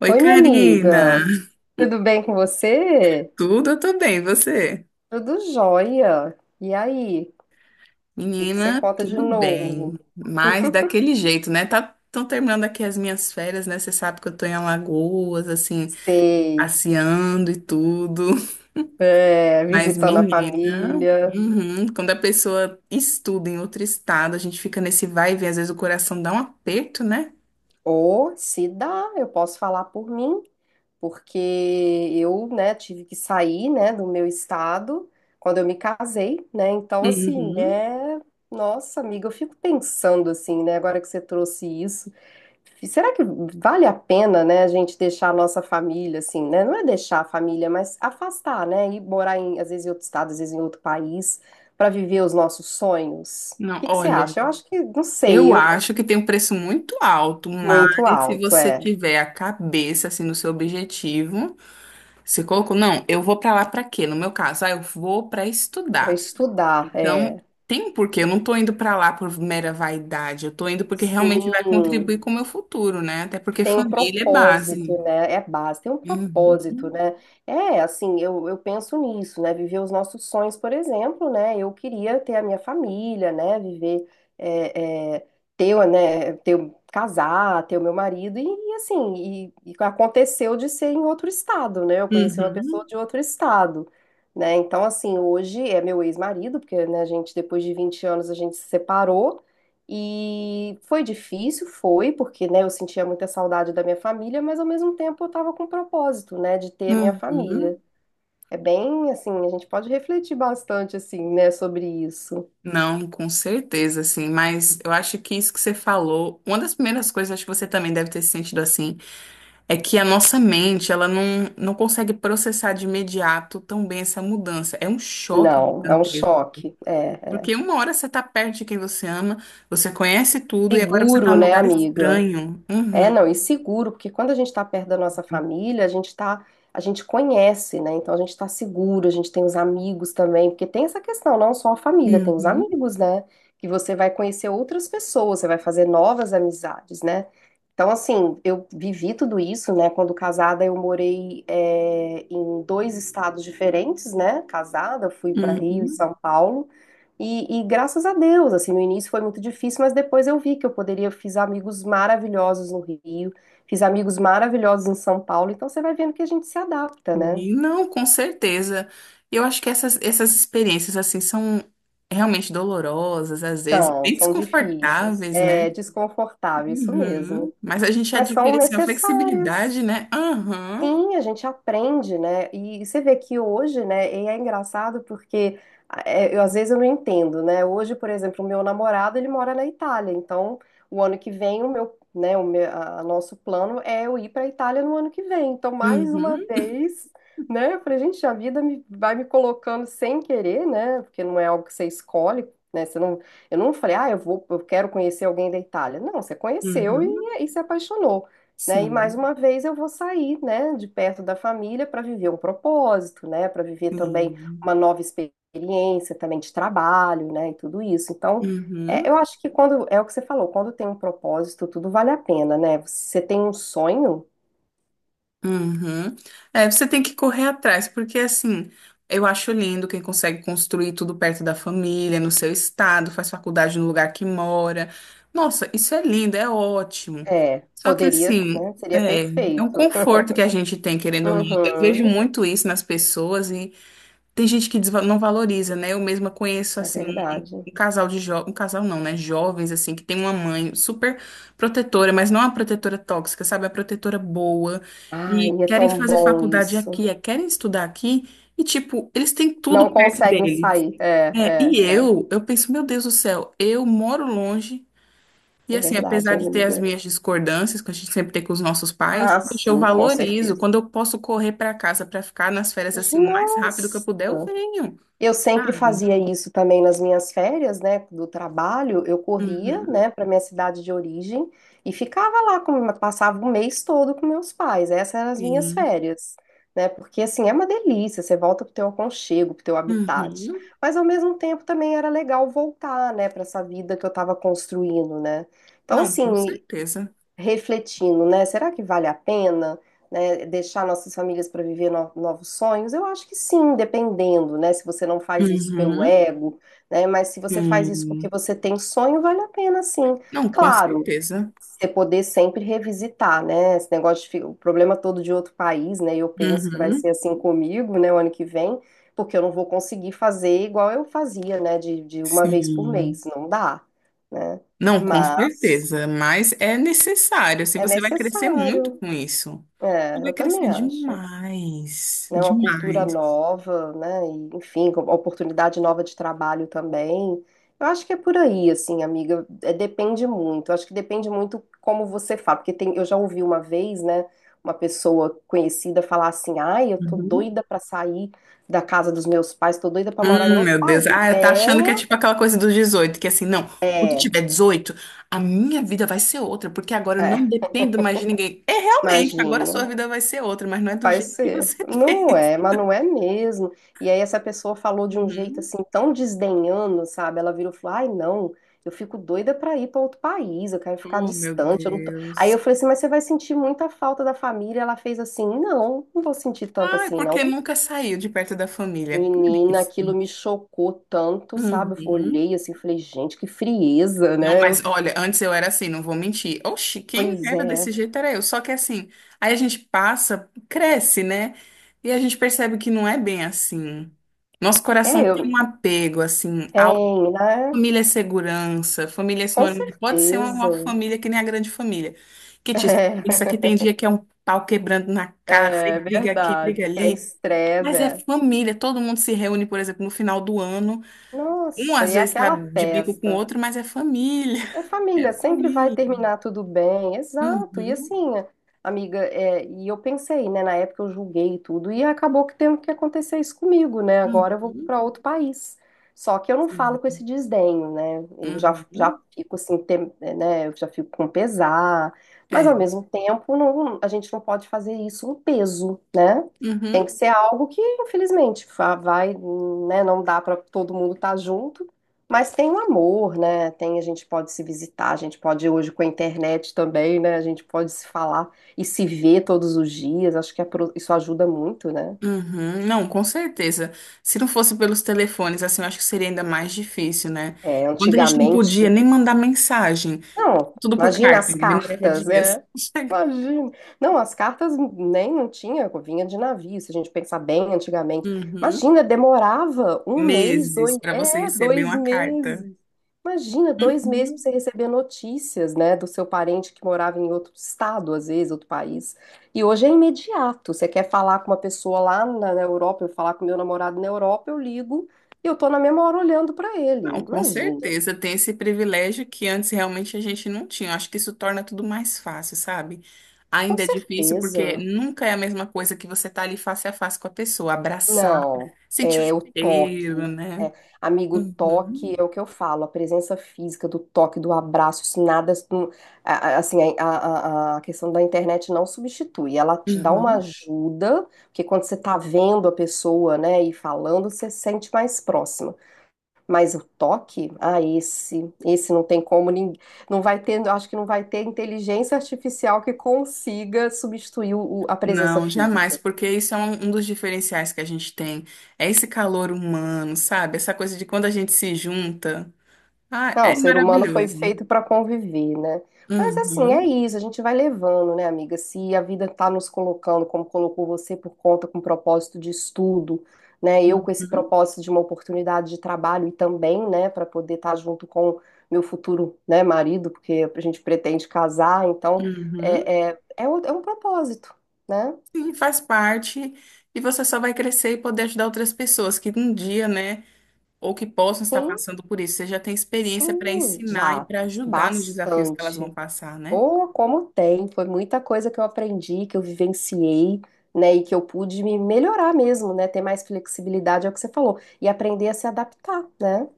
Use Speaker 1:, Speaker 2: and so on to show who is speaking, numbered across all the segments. Speaker 1: Oi,
Speaker 2: Oi, minha Oi, minha
Speaker 1: Karina.
Speaker 2: amiga. amiga. Tudo bem com você?
Speaker 1: Tudo, eu tô bem, e você?
Speaker 2: Tudo jóia. E aí? O que que você
Speaker 1: Menina,
Speaker 2: conta de
Speaker 1: tudo
Speaker 2: novo?
Speaker 1: bem. Mas daquele jeito, né? Tá, tão terminando aqui as minhas férias, né? Você sabe que eu tô em Alagoas, assim,
Speaker 2: Sei.
Speaker 1: passeando e tudo.
Speaker 2: É,
Speaker 1: Mas,
Speaker 2: visitando a
Speaker 1: menina,
Speaker 2: família.
Speaker 1: uhum, quando a pessoa estuda em outro estado, a gente fica nesse vai e vem, às vezes o coração dá um aperto, né?
Speaker 2: Ou, se dá, eu posso falar por mim, porque eu, né, tive que sair, né, do meu estado quando eu me casei, né? Então, assim,
Speaker 1: Uhum.
Speaker 2: Nossa, amiga, eu fico pensando assim, né? Agora que você trouxe isso. Será que vale a pena, né, a gente deixar a nossa família, assim, né? Não é deixar a família, mas afastar, né? E morar em, às vezes, em outro estado, às vezes em outro país, para viver os nossos sonhos. O
Speaker 1: Não,
Speaker 2: que que você
Speaker 1: olha,
Speaker 2: acha? Eu acho que, não sei,
Speaker 1: eu
Speaker 2: eu,
Speaker 1: acho que tem um preço muito alto, mas
Speaker 2: Muito
Speaker 1: se
Speaker 2: alto,
Speaker 1: você
Speaker 2: é.
Speaker 1: tiver a cabeça assim no seu objetivo, você colocou, não, eu vou pra lá pra quê? No meu caso, ah, eu vou pra
Speaker 2: Para
Speaker 1: estudar.
Speaker 2: estudar,
Speaker 1: Então,
Speaker 2: é.
Speaker 1: tem um porquê. Eu não tô indo pra lá por mera vaidade. Eu tô indo porque realmente vai
Speaker 2: Sim.
Speaker 1: contribuir com o meu futuro, né? Até porque
Speaker 2: Tem um
Speaker 1: família é
Speaker 2: propósito,
Speaker 1: base.
Speaker 2: né? É a base, tem um
Speaker 1: Uhum.
Speaker 2: propósito, né? É, assim, eu penso nisso, né? Viver os nossos sonhos, por exemplo, né? Eu queria ter a minha família, né? Viver, é, é, ter, né? Ter, um, casar, ter o meu marido, e assim, e aconteceu de ser em outro estado, né? Eu conheci uma pessoa
Speaker 1: Uhum.
Speaker 2: de outro estado, né? Então, assim, hoje é meu ex-marido, porque, né, a gente, depois de 20 anos, a gente se separou. E foi difícil, foi, porque, né, eu sentia muita saudade da minha família, mas ao mesmo tempo eu estava com um propósito, né, de ter a minha família.
Speaker 1: Uhum.
Speaker 2: É bem assim, a gente pode refletir bastante assim, né, sobre isso.
Speaker 1: Não, com certeza, assim, mas eu acho que isso que você falou, uma das primeiras coisas, acho que você também deve ter se sentido assim, é que a nossa mente, ela não, não consegue processar de imediato tão bem essa mudança. É um choque
Speaker 2: Não, é um
Speaker 1: gigantesco.
Speaker 2: choque. É, é.
Speaker 1: Porque uma hora você tá perto de quem você ama, você conhece tudo e agora você tá
Speaker 2: Seguro,
Speaker 1: num
Speaker 2: né,
Speaker 1: lugar
Speaker 2: amiga?
Speaker 1: estranho.
Speaker 2: É,
Speaker 1: Uhum,
Speaker 2: não, e seguro, porque quando a gente está perto da nossa família, a gente tá, a gente conhece, né? Então a gente está seguro, a gente tem os amigos também, porque tem essa questão, não só a família, tem os
Speaker 1: uhum,
Speaker 2: amigos, né? Que você vai conhecer outras pessoas, você vai fazer novas amizades, né? Então, assim, eu vivi tudo isso, né? Quando casada, eu morei, é, em dois estados diferentes, né? Casada, fui para Rio e
Speaker 1: uhum.
Speaker 2: São Paulo. E graças a Deus, assim, no início foi muito difícil, mas depois eu vi que eu poderia, fiz amigos maravilhosos no Rio, fiz amigos maravilhosos em São Paulo, então você vai vendo que a gente se adapta, né?
Speaker 1: E não, com certeza. Eu acho que essas, essas experiências, assim, são realmente dolorosas, às vezes,
Speaker 2: Então,
Speaker 1: bem
Speaker 2: são difíceis,
Speaker 1: desconfortáveis,
Speaker 2: é
Speaker 1: né?
Speaker 2: desconfortável, isso
Speaker 1: Uhum.
Speaker 2: mesmo,
Speaker 1: Mas a gente
Speaker 2: mas são
Speaker 1: adquire, assim, uma
Speaker 2: necessárias.
Speaker 1: flexibilidade, né? Aham,
Speaker 2: Sim, a gente aprende, né? E você vê que hoje, né, e é engraçado porque ah, é, eu, às vezes eu não entendo, né? Hoje, por exemplo, o meu namorado, ele mora na Itália, então o ano que vem o meu, né, o meu, a nosso plano é eu ir para a Itália no ano que vem. Então, mais uma
Speaker 1: uhum,
Speaker 2: vez, né, eu falei, gente, a vida me, vai me colocando sem querer, né? Porque não é algo que você escolhe, né? Você não, eu não falei, ah, eu vou, eu quero conhecer alguém da Itália. Não, você conheceu e,
Speaker 1: uhum,
Speaker 2: e se apaixonou, né? E mais
Speaker 1: sim,
Speaker 2: uma vez eu vou sair, né, de perto da família para viver um propósito, né, para viver também
Speaker 1: sim.
Speaker 2: uma nova experiência também de trabalho, né, e tudo isso. Então, é, eu
Speaker 1: Uhum.
Speaker 2: acho que quando é o que você falou, quando tem um propósito, tudo vale a pena, né? Você tem um sonho,
Speaker 1: Uhum. É, você tem que correr atrás, porque assim, eu acho lindo quem consegue construir tudo perto da família, no seu estado, faz faculdade no lugar que mora. Nossa, isso é lindo, é ótimo.
Speaker 2: é,
Speaker 1: Só que
Speaker 2: poderia,
Speaker 1: assim,
Speaker 2: né, seria
Speaker 1: é, é um
Speaker 2: perfeito.
Speaker 1: conforto que a gente tem, querendo ou não. Eu vejo
Speaker 2: Uhum,
Speaker 1: muito isso nas pessoas e tem gente que não valoriza, né? Eu mesma conheço
Speaker 2: é
Speaker 1: assim
Speaker 2: verdade.
Speaker 1: um casal de jovens, um casal não, né? Jovens, assim, que tem uma mãe super protetora, mas não a protetora tóxica, sabe? A protetora boa. E
Speaker 2: Ai, é
Speaker 1: querem
Speaker 2: tão
Speaker 1: fazer
Speaker 2: bom
Speaker 1: faculdade
Speaker 2: isso.
Speaker 1: aqui, é, querem estudar aqui. E, tipo, eles têm tudo
Speaker 2: Não
Speaker 1: perto
Speaker 2: conseguem
Speaker 1: deles.
Speaker 2: sair. É,
Speaker 1: É, e
Speaker 2: é, é.
Speaker 1: eu penso, meu Deus do céu, eu moro longe. E,
Speaker 2: É
Speaker 1: assim, apesar
Speaker 2: verdade,
Speaker 1: de ter as
Speaker 2: amiga.
Speaker 1: minhas discordâncias, que a gente sempre tem com os nossos pais,
Speaker 2: Ah,
Speaker 1: poxa, eu
Speaker 2: sim, com
Speaker 1: valorizo.
Speaker 2: certeza.
Speaker 1: Quando eu posso correr para casa para ficar nas férias, assim, o mais rápido que eu
Speaker 2: Nossa!
Speaker 1: puder, eu venho,
Speaker 2: Eu sempre
Speaker 1: sabe?
Speaker 2: fazia isso também nas minhas férias, né, do trabalho. Eu corria,
Speaker 1: Uhum,
Speaker 2: né, para minha cidade de origem e ficava lá, passava o mês todo com meus pais. Essas eram as minhas
Speaker 1: sim.
Speaker 2: férias, né? Porque assim, é uma delícia, você volta pro teu aconchego, pro teu habitat.
Speaker 1: Uhum.
Speaker 2: Mas ao mesmo tempo também era legal voltar, né, para essa vida que eu estava construindo, né? Então
Speaker 1: Não, com
Speaker 2: assim,
Speaker 1: certeza.
Speaker 2: refletindo, né? Será que vale a pena, né, deixar nossas famílias para viver novos sonhos? Eu acho que sim, dependendo, né? Se você não faz isso pelo
Speaker 1: Uhum,
Speaker 2: ego, né? Mas se você faz isso porque
Speaker 1: sim.
Speaker 2: você tem sonho, vale a pena, sim.
Speaker 1: Não, com
Speaker 2: Claro,
Speaker 1: certeza.
Speaker 2: você poder sempre revisitar, né? Esse negócio de o problema todo de outro país, né? Eu penso que vai ser
Speaker 1: Uhum,
Speaker 2: assim comigo, né? O ano que vem, porque eu não vou conseguir fazer igual eu fazia, né? De uma vez por
Speaker 1: sim.
Speaker 2: mês, não dá, né?
Speaker 1: Não, com
Speaker 2: Mas
Speaker 1: certeza. Mas é necessário. Assim,
Speaker 2: é
Speaker 1: você vai crescer muito
Speaker 2: necessário.
Speaker 1: com isso. Você
Speaker 2: É,
Speaker 1: vai
Speaker 2: eu
Speaker 1: crescer
Speaker 2: também acho,
Speaker 1: demais.
Speaker 2: né? Uma cultura
Speaker 1: Demais.
Speaker 2: nova, né? E, enfim, oportunidade nova de trabalho também. Eu acho que é por aí, assim, amiga. É, depende muito. Eu acho que depende muito como você fala, porque tem, eu já ouvi uma vez, né? Uma pessoa conhecida falar assim: "Ai, eu tô
Speaker 1: Uhum.
Speaker 2: doida pra sair da casa dos meus pais, tô doida pra morar em outro
Speaker 1: Meu
Speaker 2: país".
Speaker 1: Deus. Ah, tá achando que é tipo
Speaker 2: É,
Speaker 1: aquela coisa dos 18, que assim, não, quando eu
Speaker 2: é,
Speaker 1: tiver 18, a minha vida vai ser outra, porque agora eu
Speaker 2: é,
Speaker 1: não dependo mais de ninguém. É realmente, agora a
Speaker 2: imagina.
Speaker 1: sua vida vai ser outra, mas não é do
Speaker 2: Vai
Speaker 1: jeito que
Speaker 2: ser.
Speaker 1: você
Speaker 2: Não
Speaker 1: pensa.
Speaker 2: é, mas não é mesmo. E aí essa pessoa falou de um jeito
Speaker 1: Uhum.
Speaker 2: assim tão desdenhando, sabe? Ela virou e falou: "Ai, não, eu fico doida pra ir pra outro país, eu quero ficar
Speaker 1: Oh, meu
Speaker 2: distante, eu não tô". Aí eu
Speaker 1: Deus.
Speaker 2: falei assim: "Mas você vai sentir muita falta da família". Ela fez assim: "Não, não vou sentir tanto
Speaker 1: Ah, é
Speaker 2: assim não".
Speaker 1: porque nunca saiu de perto da família. Por
Speaker 2: Menina,
Speaker 1: isso.
Speaker 2: aquilo me chocou tanto, sabe? Eu
Speaker 1: Uhum.
Speaker 2: olhei assim, e falei: "Gente, que frieza,
Speaker 1: Não,
Speaker 2: né?". Eu,
Speaker 1: mas olha, antes eu era assim, não vou mentir. Oxi, quem
Speaker 2: pois
Speaker 1: era
Speaker 2: é.
Speaker 1: desse jeito era eu. Só que assim, aí a gente passa, cresce, né? E a gente percebe que não é bem assim. Nosso coração
Speaker 2: É, eu
Speaker 1: tem um apego, assim. A
Speaker 2: tem, né?
Speaker 1: família é segurança, família é
Speaker 2: Com
Speaker 1: sinônimo de. Pode ser uma
Speaker 2: certeza.
Speaker 1: uma família que nem a grande família. Que te. Isso aqui
Speaker 2: É.
Speaker 1: tem dia que é um pau quebrando na cara, tem
Speaker 2: É
Speaker 1: briga aqui, briga
Speaker 2: verdade. Que é
Speaker 1: ali.
Speaker 2: estresse,
Speaker 1: Mas é
Speaker 2: é.
Speaker 1: família, todo mundo se reúne, por exemplo, no final do ano. Um
Speaker 2: Nossa, e
Speaker 1: às
Speaker 2: é
Speaker 1: vezes está
Speaker 2: aquela
Speaker 1: de bico com o
Speaker 2: festa?
Speaker 1: outro, mas é família,
Speaker 2: É
Speaker 1: é
Speaker 2: família, sempre vai
Speaker 1: família.
Speaker 2: terminar tudo bem, exato. E
Speaker 1: Uhum,
Speaker 2: assim, amiga, é, e eu pensei, né, na época eu julguei tudo e acabou que tendo que acontecer isso comigo, né? Agora eu vou
Speaker 1: uhum,
Speaker 2: para outro país. Só que eu não falo com
Speaker 1: sim,
Speaker 2: esse desdenho, né? Eu já
Speaker 1: uhum,
Speaker 2: fico assim, né? Eu já fico com pesar, mas
Speaker 1: é,
Speaker 2: ao mesmo tempo não, a gente não pode fazer isso um peso, né? Tem
Speaker 1: uhum,
Speaker 2: que ser algo que, infelizmente, vai, né? Não dá para todo mundo estar junto. Mas tem o amor, né? Tem, a gente pode se visitar, a gente pode hoje com a internet também, né? A gente pode se falar e se ver todos os dias. Acho que é isso ajuda muito, né?
Speaker 1: uhum. Não, com certeza. Se não fosse pelos telefones, assim, eu acho que seria ainda mais difícil, né?
Speaker 2: É,
Speaker 1: Quando a gente não podia
Speaker 2: antigamente,
Speaker 1: nem mandar mensagem,
Speaker 2: não,
Speaker 1: tudo por
Speaker 2: imagina
Speaker 1: carta,
Speaker 2: as
Speaker 1: demorava
Speaker 2: cartas,
Speaker 1: dias.
Speaker 2: é. Imagina. Não, as cartas nem não tinha, vinha de navio, se a gente pensar bem antigamente.
Speaker 1: Uhum,
Speaker 2: Imagina, demorava um mês, dois,
Speaker 1: meses para você
Speaker 2: é,
Speaker 1: receber
Speaker 2: dois
Speaker 1: uma carta.
Speaker 2: meses. Imagina, dois meses para você
Speaker 1: Uhum.
Speaker 2: receber notícias, né, do seu parente que morava em outro estado, às vezes, outro país. E hoje é imediato. Você quer falar com uma pessoa lá na Europa, eu falar com meu namorado na Europa, eu ligo e eu tô na mesma hora olhando para ele.
Speaker 1: Não, com
Speaker 2: Imagina,
Speaker 1: certeza tem esse privilégio que antes realmente a gente não tinha. Eu acho que isso torna tudo mais fácil, sabe?
Speaker 2: com
Speaker 1: Ainda é difícil porque
Speaker 2: certeza.
Speaker 1: nunca é a mesma coisa que você tá ali face a face com a pessoa, abraçar,
Speaker 2: Não,
Speaker 1: sentir o
Speaker 2: é o toque.
Speaker 1: cheiro, né?
Speaker 2: É, amigo, o toque
Speaker 1: Uhum,
Speaker 2: é o que eu falo, a presença física do toque, do abraço, isso nada, assim, a, a questão da internet não substitui, ela te dá uma
Speaker 1: uhum.
Speaker 2: ajuda, porque quando você tá vendo a pessoa, né, e falando, você se sente mais próxima, mas o toque, ah, esse não tem como, ninguém, não vai ter, eu acho que não vai ter inteligência artificial que consiga substituir a presença
Speaker 1: Não, jamais,
Speaker 2: física.
Speaker 1: porque isso é um dos diferenciais que a gente tem. É esse calor humano, sabe? Essa coisa de quando a gente se junta. Ah,
Speaker 2: Não, o
Speaker 1: é
Speaker 2: ser humano foi
Speaker 1: maravilhoso.
Speaker 2: feito para conviver, né? Mas assim, é
Speaker 1: Uhum,
Speaker 2: isso, a gente vai levando, né, amiga? Se a vida tá nos colocando, como colocou você, por conta com propósito de estudo, né? Eu com esse
Speaker 1: uhum,
Speaker 2: propósito de uma oportunidade de trabalho e também, né, para poder estar junto com meu futuro, né, marido, porque a gente pretende casar, então
Speaker 1: uhum.
Speaker 2: é é um propósito, né?
Speaker 1: Sim, faz parte. E você só vai crescer e poder ajudar outras pessoas que um dia, né, ou que possam estar
Speaker 2: Sim,
Speaker 1: passando por isso. Você já tem experiência para
Speaker 2: sim,
Speaker 1: ensinar e
Speaker 2: já,
Speaker 1: para ajudar nos desafios que elas
Speaker 2: bastante.
Speaker 1: vão passar, né?
Speaker 2: Oh, como tem! Foi muita coisa que eu aprendi, que eu vivenciei, né? E que eu pude me melhorar mesmo, né? Ter mais flexibilidade, é o que você falou. E aprender a se adaptar, né?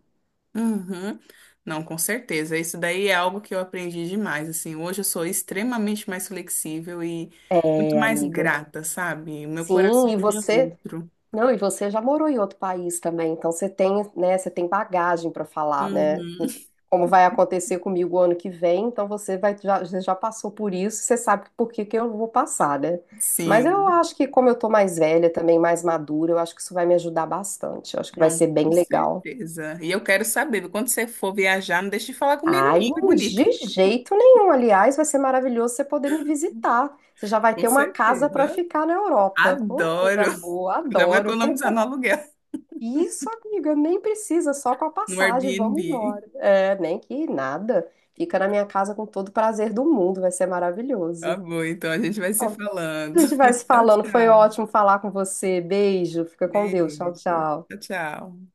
Speaker 1: Uhum. Não, com certeza. Isso daí é algo que eu aprendi demais. Assim, hoje eu sou extremamente mais flexível e muito
Speaker 2: É,
Speaker 1: mais
Speaker 2: amiga.
Speaker 1: grata, sabe? O meu coração
Speaker 2: Sim, e
Speaker 1: hoje é
Speaker 2: você.
Speaker 1: outro.
Speaker 2: Não, e você já morou em outro país também, então você tem, né, você tem bagagem para falar, né?
Speaker 1: Uhum.
Speaker 2: Como vai acontecer comigo o ano que vem, então você vai, já, você já passou por isso, você sabe por que que eu vou passar, né? Mas eu
Speaker 1: Sim,
Speaker 2: acho que como eu tô mais velha também, mais madura, eu acho que isso vai me ajudar bastante. Eu acho que vai
Speaker 1: não,
Speaker 2: ser bem
Speaker 1: com
Speaker 2: legal.
Speaker 1: certeza. E eu quero saber, quando você for viajar, não deixe de falar comigo,
Speaker 2: Ai,
Speaker 1: não, que bonito.
Speaker 2: de jeito nenhum. Aliás, vai ser maravilhoso você poder me visitar. Você já vai
Speaker 1: Com
Speaker 2: ter uma casa para
Speaker 1: certeza.
Speaker 2: ficar na Europa. Oh,
Speaker 1: Adoro.
Speaker 2: coisa boa,
Speaker 1: Já vou
Speaker 2: adoro.
Speaker 1: economizar no aluguel,
Speaker 2: Isso, amiga, nem precisa, só com a
Speaker 1: no
Speaker 2: passagem, vamos
Speaker 1: Airbnb.
Speaker 2: embora. É, nem que nada. Fica na minha casa com todo o prazer do mundo, vai ser
Speaker 1: Tá
Speaker 2: maravilhoso.
Speaker 1: bom, então a gente vai se
Speaker 2: Ó,
Speaker 1: falando.
Speaker 2: a gente vai se
Speaker 1: Tchau,
Speaker 2: falando, foi
Speaker 1: tchau.
Speaker 2: ótimo falar com você. Beijo, fica com Deus. Tchau,
Speaker 1: Beijo. Tchau,
Speaker 2: tchau.
Speaker 1: tchau.